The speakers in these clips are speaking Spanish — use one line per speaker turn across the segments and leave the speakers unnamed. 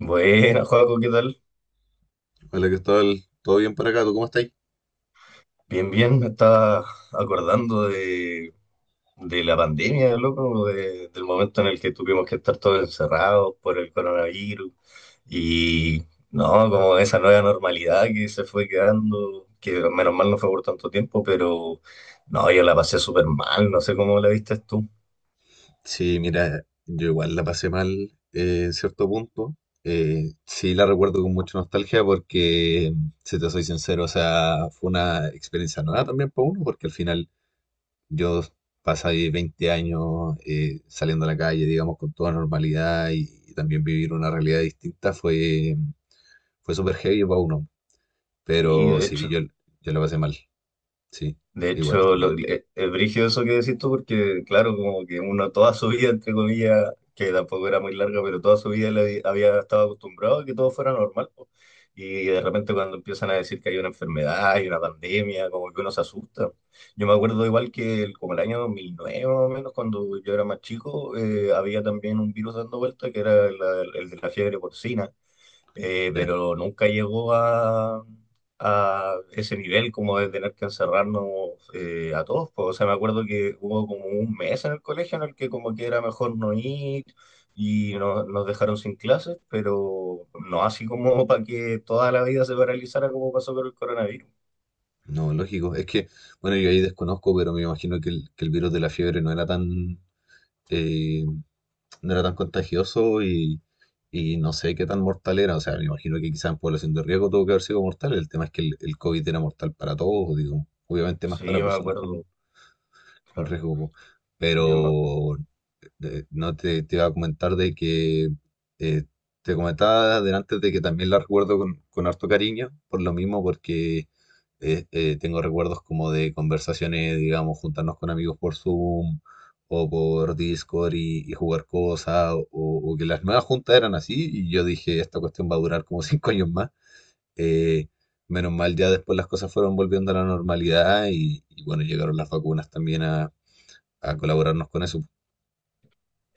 Buena, Joaco, ¿qué tal?
Hola, Cristóbal. ¿Todo bien por acá? ¿Tú cómo estás?
Bien, bien, me estaba acordando de la pandemia, loco, del momento en el que tuvimos que estar todos encerrados por el coronavirus y, no, como esa nueva normalidad que se fue quedando, que menos mal no fue por tanto tiempo, no, yo la pasé súper mal, no sé cómo la viste tú.
Sí, mira, yo igual la pasé mal en cierto punto. Sí, la recuerdo con mucha nostalgia porque, si te soy sincero, o sea, fue una experiencia nueva también para uno, porque al final yo pasé 20 años saliendo a la calle, digamos, con toda normalidad y también vivir una realidad distinta fue, fue súper heavy para uno.
Sí,
Pero
de
sí,
hecho.
yo la pasé mal, sí,
De
igual
hecho,
también.
es brígido eso que decís tú, porque claro, como que uno toda su vida, entre comillas, que tampoco era muy larga, pero toda su vida le había estado acostumbrado a que todo fuera normal, po. Y de repente cuando empiezan a decir que hay una enfermedad, hay una pandemia, como que uno se asusta. Yo me acuerdo igual que como el año 2009 más o menos, cuando yo era más chico. Había también un virus dando vuelta que era el de la fiebre porcina, pero nunca llegó a ese nivel como de tener que encerrarnos a todos, pues. O sea, me acuerdo que hubo como un mes en el colegio en el que como que era mejor no ir y nos dejaron sin clases, pero no así como para que toda la vida se paralizara como pasó con el coronavirus.
No, lógico. Es que, bueno, yo ahí desconozco, pero me imagino que que el virus de la fiebre no era tan, eh, no era tan contagioso y no sé qué tan mortal era. O sea, me imagino que quizás en población de riesgo tuvo que haber sido mortal. El tema es que el COVID era mortal para todos, digo, obviamente más para
Sí, me
personas
acuerdo,
con
claro.
riesgo,
Yo me-
pero no te, te iba a comentar de que eh, te comentaba delante de que también la recuerdo con harto cariño, por lo mismo, porque tengo recuerdos como de conversaciones, digamos, juntarnos con amigos por Zoom o por Discord y jugar cosas, o que las nuevas juntas eran así, y yo dije, esta cuestión va a durar como 5 años más. Eh, Menos mal, ya después las cosas fueron volviendo a la normalidad y bueno, llegaron las vacunas también a colaborarnos con eso,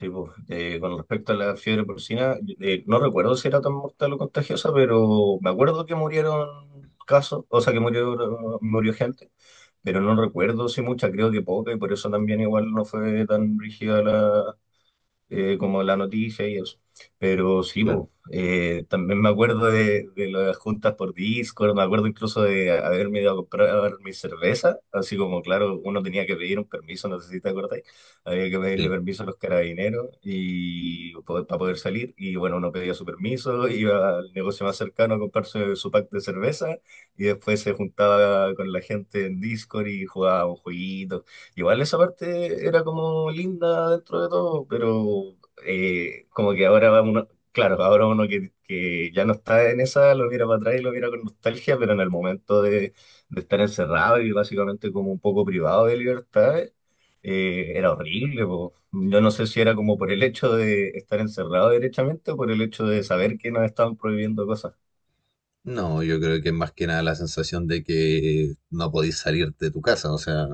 Sí, pues, con respecto a la fiebre porcina, no recuerdo si era tan mortal o contagiosa, pero me acuerdo que murieron casos, o sea, que murió, murió gente, pero no recuerdo si mucha, creo que poca, y por eso también igual no fue tan rígida, como la noticia y eso. Pero sí,
claro,
po, también me acuerdo de las juntas por Discord, me acuerdo incluso de haberme ido a comprar mi cerveza, así como, claro, uno tenía que pedir un permiso, no sé si te acordáis, había que pedirle
sí.
permiso a los carabineros y para poder salir, y bueno, uno pedía su permiso, iba al negocio más cercano a comprarse su pack de cerveza, y después se juntaba con la gente en Discord y jugaba un jueguito. Igual esa parte era como linda dentro de todo, pero como que ahora va uno, claro, ahora uno que ya no está en esa, lo mira para atrás y lo mira con nostalgia, pero en el momento de estar encerrado y básicamente como un poco privado de libertad, era horrible, po. Yo no sé si era como por el hecho de estar encerrado derechamente o por el hecho de saber que nos estaban prohibiendo cosas.
No, yo creo que es más que nada la sensación de que no podís salir de tu casa, o sea,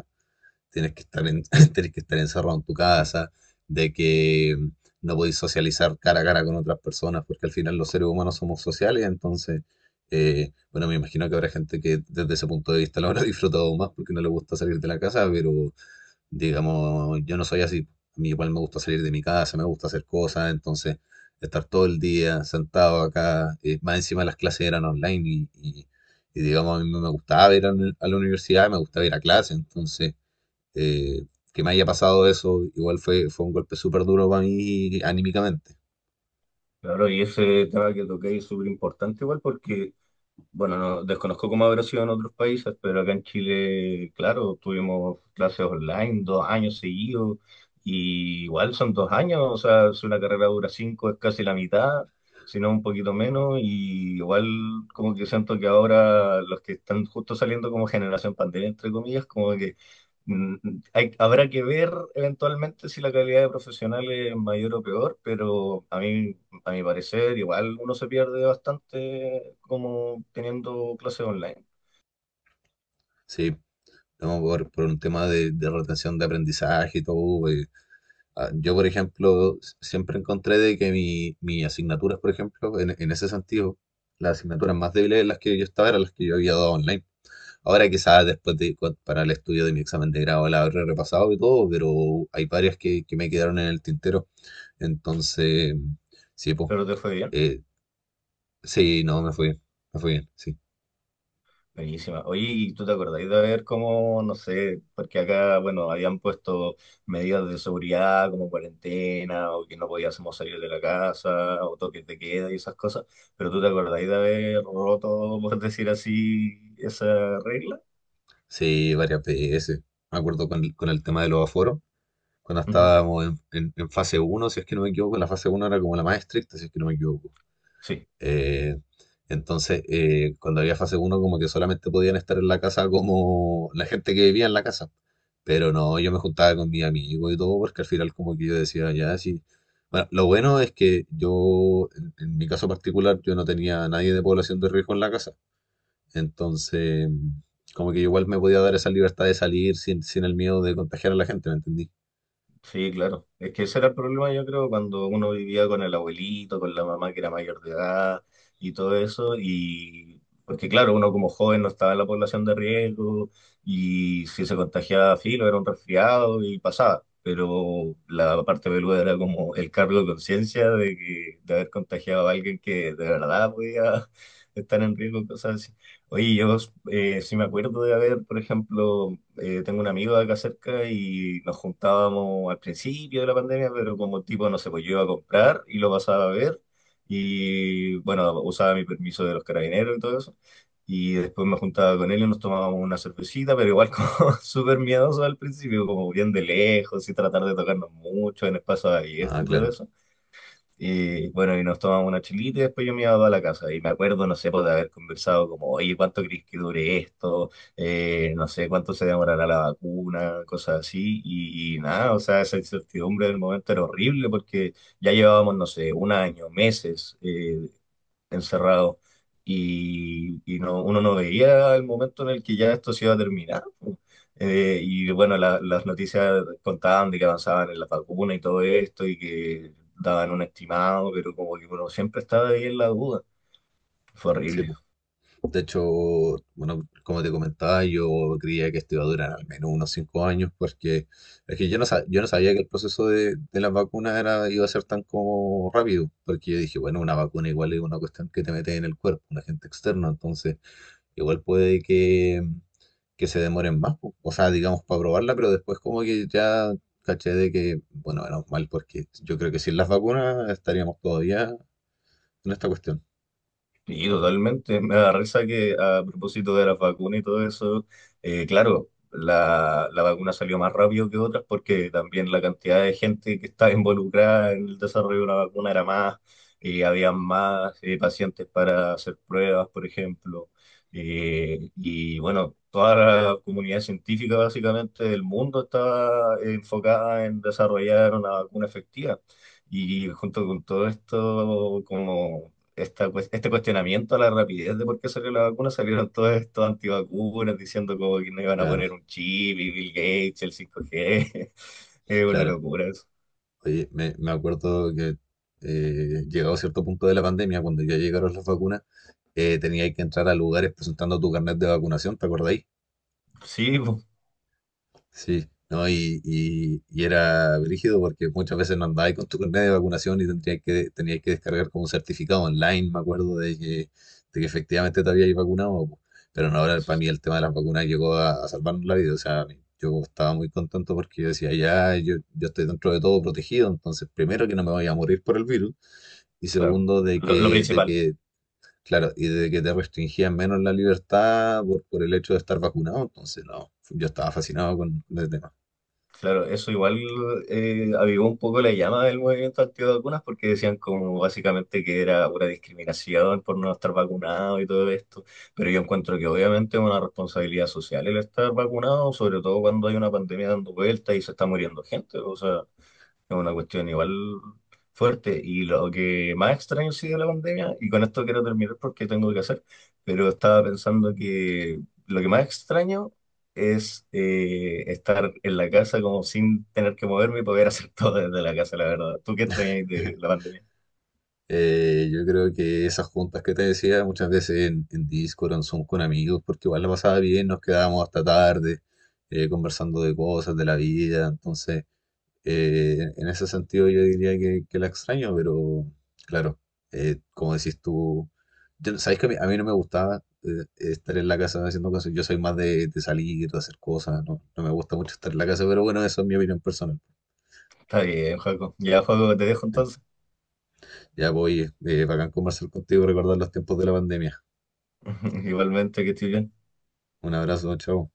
tienes que estar en, tienes que estar encerrado en tu casa, de que no podís socializar cara a cara con otras personas, porque al final los seres humanos somos sociales, entonces, bueno, me imagino que habrá gente que desde ese punto de vista lo habrá disfrutado más porque no le gusta salir de la casa, pero digamos, yo no soy así. A mí igual me gusta salir de mi casa, me gusta hacer cosas, entonces estar todo el día sentado acá, más encima las clases eran online y, digamos, a mí no me gustaba ir a, a la universidad, me gustaba ir a clase, entonces eh, que me haya pasado eso, igual fue, fue un golpe súper duro para mí anímicamente,
Claro, y ese tema que toqué es súper importante igual porque bueno, no, desconozco cómo habrá sido en otros países, pero acá en Chile, claro, tuvimos clases online dos años seguidos, y igual son dos años, o sea, si una carrera dura cinco es casi la mitad, si no un poquito menos, y igual como que siento que ahora los que están justo saliendo como generación pandemia, entre comillas, como que mm, habrá que ver eventualmente si la calidad de profesional es mayor o peor, pero a mi parecer, igual uno se pierde bastante como teniendo clases online.
sí, no, por un tema de retención de aprendizaje y todo, Yo, por ejemplo, siempre encontré de que mi, mis asignaturas, por ejemplo, en ese sentido, las asignaturas más débiles en las que yo estaba eran las que yo había dado online. Ahora quizás después de, para el estudio de mi examen de grado la habré repasado y todo, pero hay varias que me quedaron en el tintero. Entonces, sí, pues,
Pero te fue bien.
sí, no, me fue bien, sí.
Buenísima. Oye, ¿y tú te acordáis de ver cómo, no sé, porque acá, bueno, habían puesto medidas de seguridad como cuarentena o que no podíamos salir de la casa o toques de queda y esas cosas, pero tú te acordáis de haber roto, por decir así, esa regla?
Sí, varias veces. Me acuerdo con el tema de los aforos, cuando
Ujú.
estábamos en, en fase uno si es que no me equivoco, la fase uno era como la más estricta, si es que no me equivoco.
Sí.
Eh, entonces, cuando había fase uno como que solamente podían estar en la casa como la gente que vivía en la casa. Pero no, yo me juntaba con mi amigo y todo, porque al final como que yo decía, ya, sí. Bueno, lo bueno es que yo, en mi caso particular, yo no tenía a nadie de población de riesgo en la casa. Entonces, como que igual me podía dar esa libertad de salir sin, sin el miedo de contagiar a la gente, ¿me entendí?
Sí, claro. Es que ese era el problema, yo creo, cuando uno vivía con el abuelito, con la mamá que era mayor de edad y todo eso. Y porque, claro, uno como joven no estaba en la población de riesgo y si se contagiaba filo era un resfriado y pasaba. Pero la parte peluda era como el cargo de conciencia de que, de haber contagiado a alguien que de verdad podía estar en riesgo, cosas así. Oye, yo sí me acuerdo de haber, por ejemplo, tengo un amigo de acá cerca y nos juntábamos al principio de la pandemia, pero como tipo, no sé, pues yo iba a comprar y lo pasaba a ver y bueno, usaba mi permiso de los carabineros y todo eso. Y después me juntaba con él y nos tomábamos una cervecita, pero igual como súper miedoso al principio, como bien de lejos y tratar de tocarnos mucho en espacios abiertos
Ah,
y todo
claro.
eso. Y bueno, y nos tomamos una chelita y después yo me iba a la casa. Y me acuerdo, no sé, pues, de haber conversado como, oye, ¿cuánto crees que dure esto? No sé, ¿cuánto se demorará la vacuna? Cosas así. Y nada, o sea, esa incertidumbre del momento era horrible porque ya llevábamos, no sé, un año, meses, encerrado, y no, uno no veía el momento en el que ya esto se iba a terminar, po. Y bueno, las noticias contaban de que avanzaban en la vacuna y todo esto y que daban un estimado, pero como que uno siempre estaba ahí en la duda. Fue
Sí,
horrible.
po. De hecho, bueno, como te comentaba, yo creía que esto iba a durar al menos unos 5 años, porque es que yo no, yo no sabía que el proceso de las vacunas era, iba a ser tan como rápido, porque yo dije, bueno, una vacuna igual es una cuestión que te metes en el cuerpo, un agente externo, entonces igual puede que se demoren más, po. O sea, digamos, para probarla, pero después como que ya caché de que, bueno, menos mal, porque yo creo que sin las vacunas estaríamos todavía en esta cuestión.
Sí, totalmente. Me da risa que a propósito de las vacunas y todo eso, claro, la vacuna salió más rápido que otras porque también la cantidad de gente que estaba involucrada en el desarrollo de una vacuna era más, había más pacientes para hacer pruebas, por ejemplo. Y bueno, toda la comunidad científica básicamente del mundo estaba enfocada en desarrollar una vacuna efectiva. Y junto con todo esto, como este cuestionamiento a la rapidez de por qué salió la vacuna, salieron todos estos antivacunas diciendo como que no iban a
Claro,
poner un chip y Bill Gates, el 5G. Es una
claro.
locura eso.
Oye, me acuerdo que llegado a cierto punto de la pandemia, cuando ya llegaron las vacunas, tenía que entrar a lugares presentando tu carnet de vacunación, ¿te acordáis?
Sí, pues,
Sí, ¿no? Y era brígido porque muchas veces no andabas con tu carnet de vacunación y tendrías que, tenías que descargar como un certificado online, me acuerdo, de que efectivamente te habías vacunado. Po. Pero no, ahora para mí el tema de las vacunas llegó a salvarnos la vida. O sea, a mí- yo estaba muy contento porque yo decía, ya, yo estoy dentro de todo protegido, entonces primero que no me voy a morir por el virus. Y
claro.
segundo,
Lo
de
principal.
que, claro, y de que te restringían menos la libertad por el hecho de estar vacunado, entonces no, yo estaba fascinado con el tema.
Claro, eso igual avivó un poco la llama del movimiento antivacunas porque decían como básicamente que era una discriminación por no estar vacunado y todo esto, pero yo encuentro que obviamente es una responsabilidad social el estar vacunado, sobre todo cuando hay una pandemia dando vuelta y se está muriendo gente, o sea, es una cuestión igual fuerte. Y lo que más extraño ha sido la pandemia, y con esto quiero terminar porque tengo que hacer, pero estaba pensando que lo que más extraño es estar en la casa como sin tener que moverme y poder hacer todo desde la casa, la verdad. ¿Tú qué extrañas de la pandemia?
Yo creo que esas juntas que te decía, muchas veces en Discord, en Zoom con amigos, porque igual la pasaba bien, nos quedábamos hasta tarde conversando de cosas, de la vida, entonces en ese sentido yo diría que la extraño, pero claro, como decís tú, yo, sabéis que a mí no me gustaba estar en la casa haciendo cosas, yo soy más de salir, de hacer cosas, no, no me gusta mucho estar en la casa, pero bueno, eso es mi opinión personal.
Está bien, Joaco. Ya, Joaco, te dejo entonces.
Ya voy, bacán conversar contigo, recordar los tiempos de la pandemia.
Igualmente, que estoy bien.
Un abrazo, chao.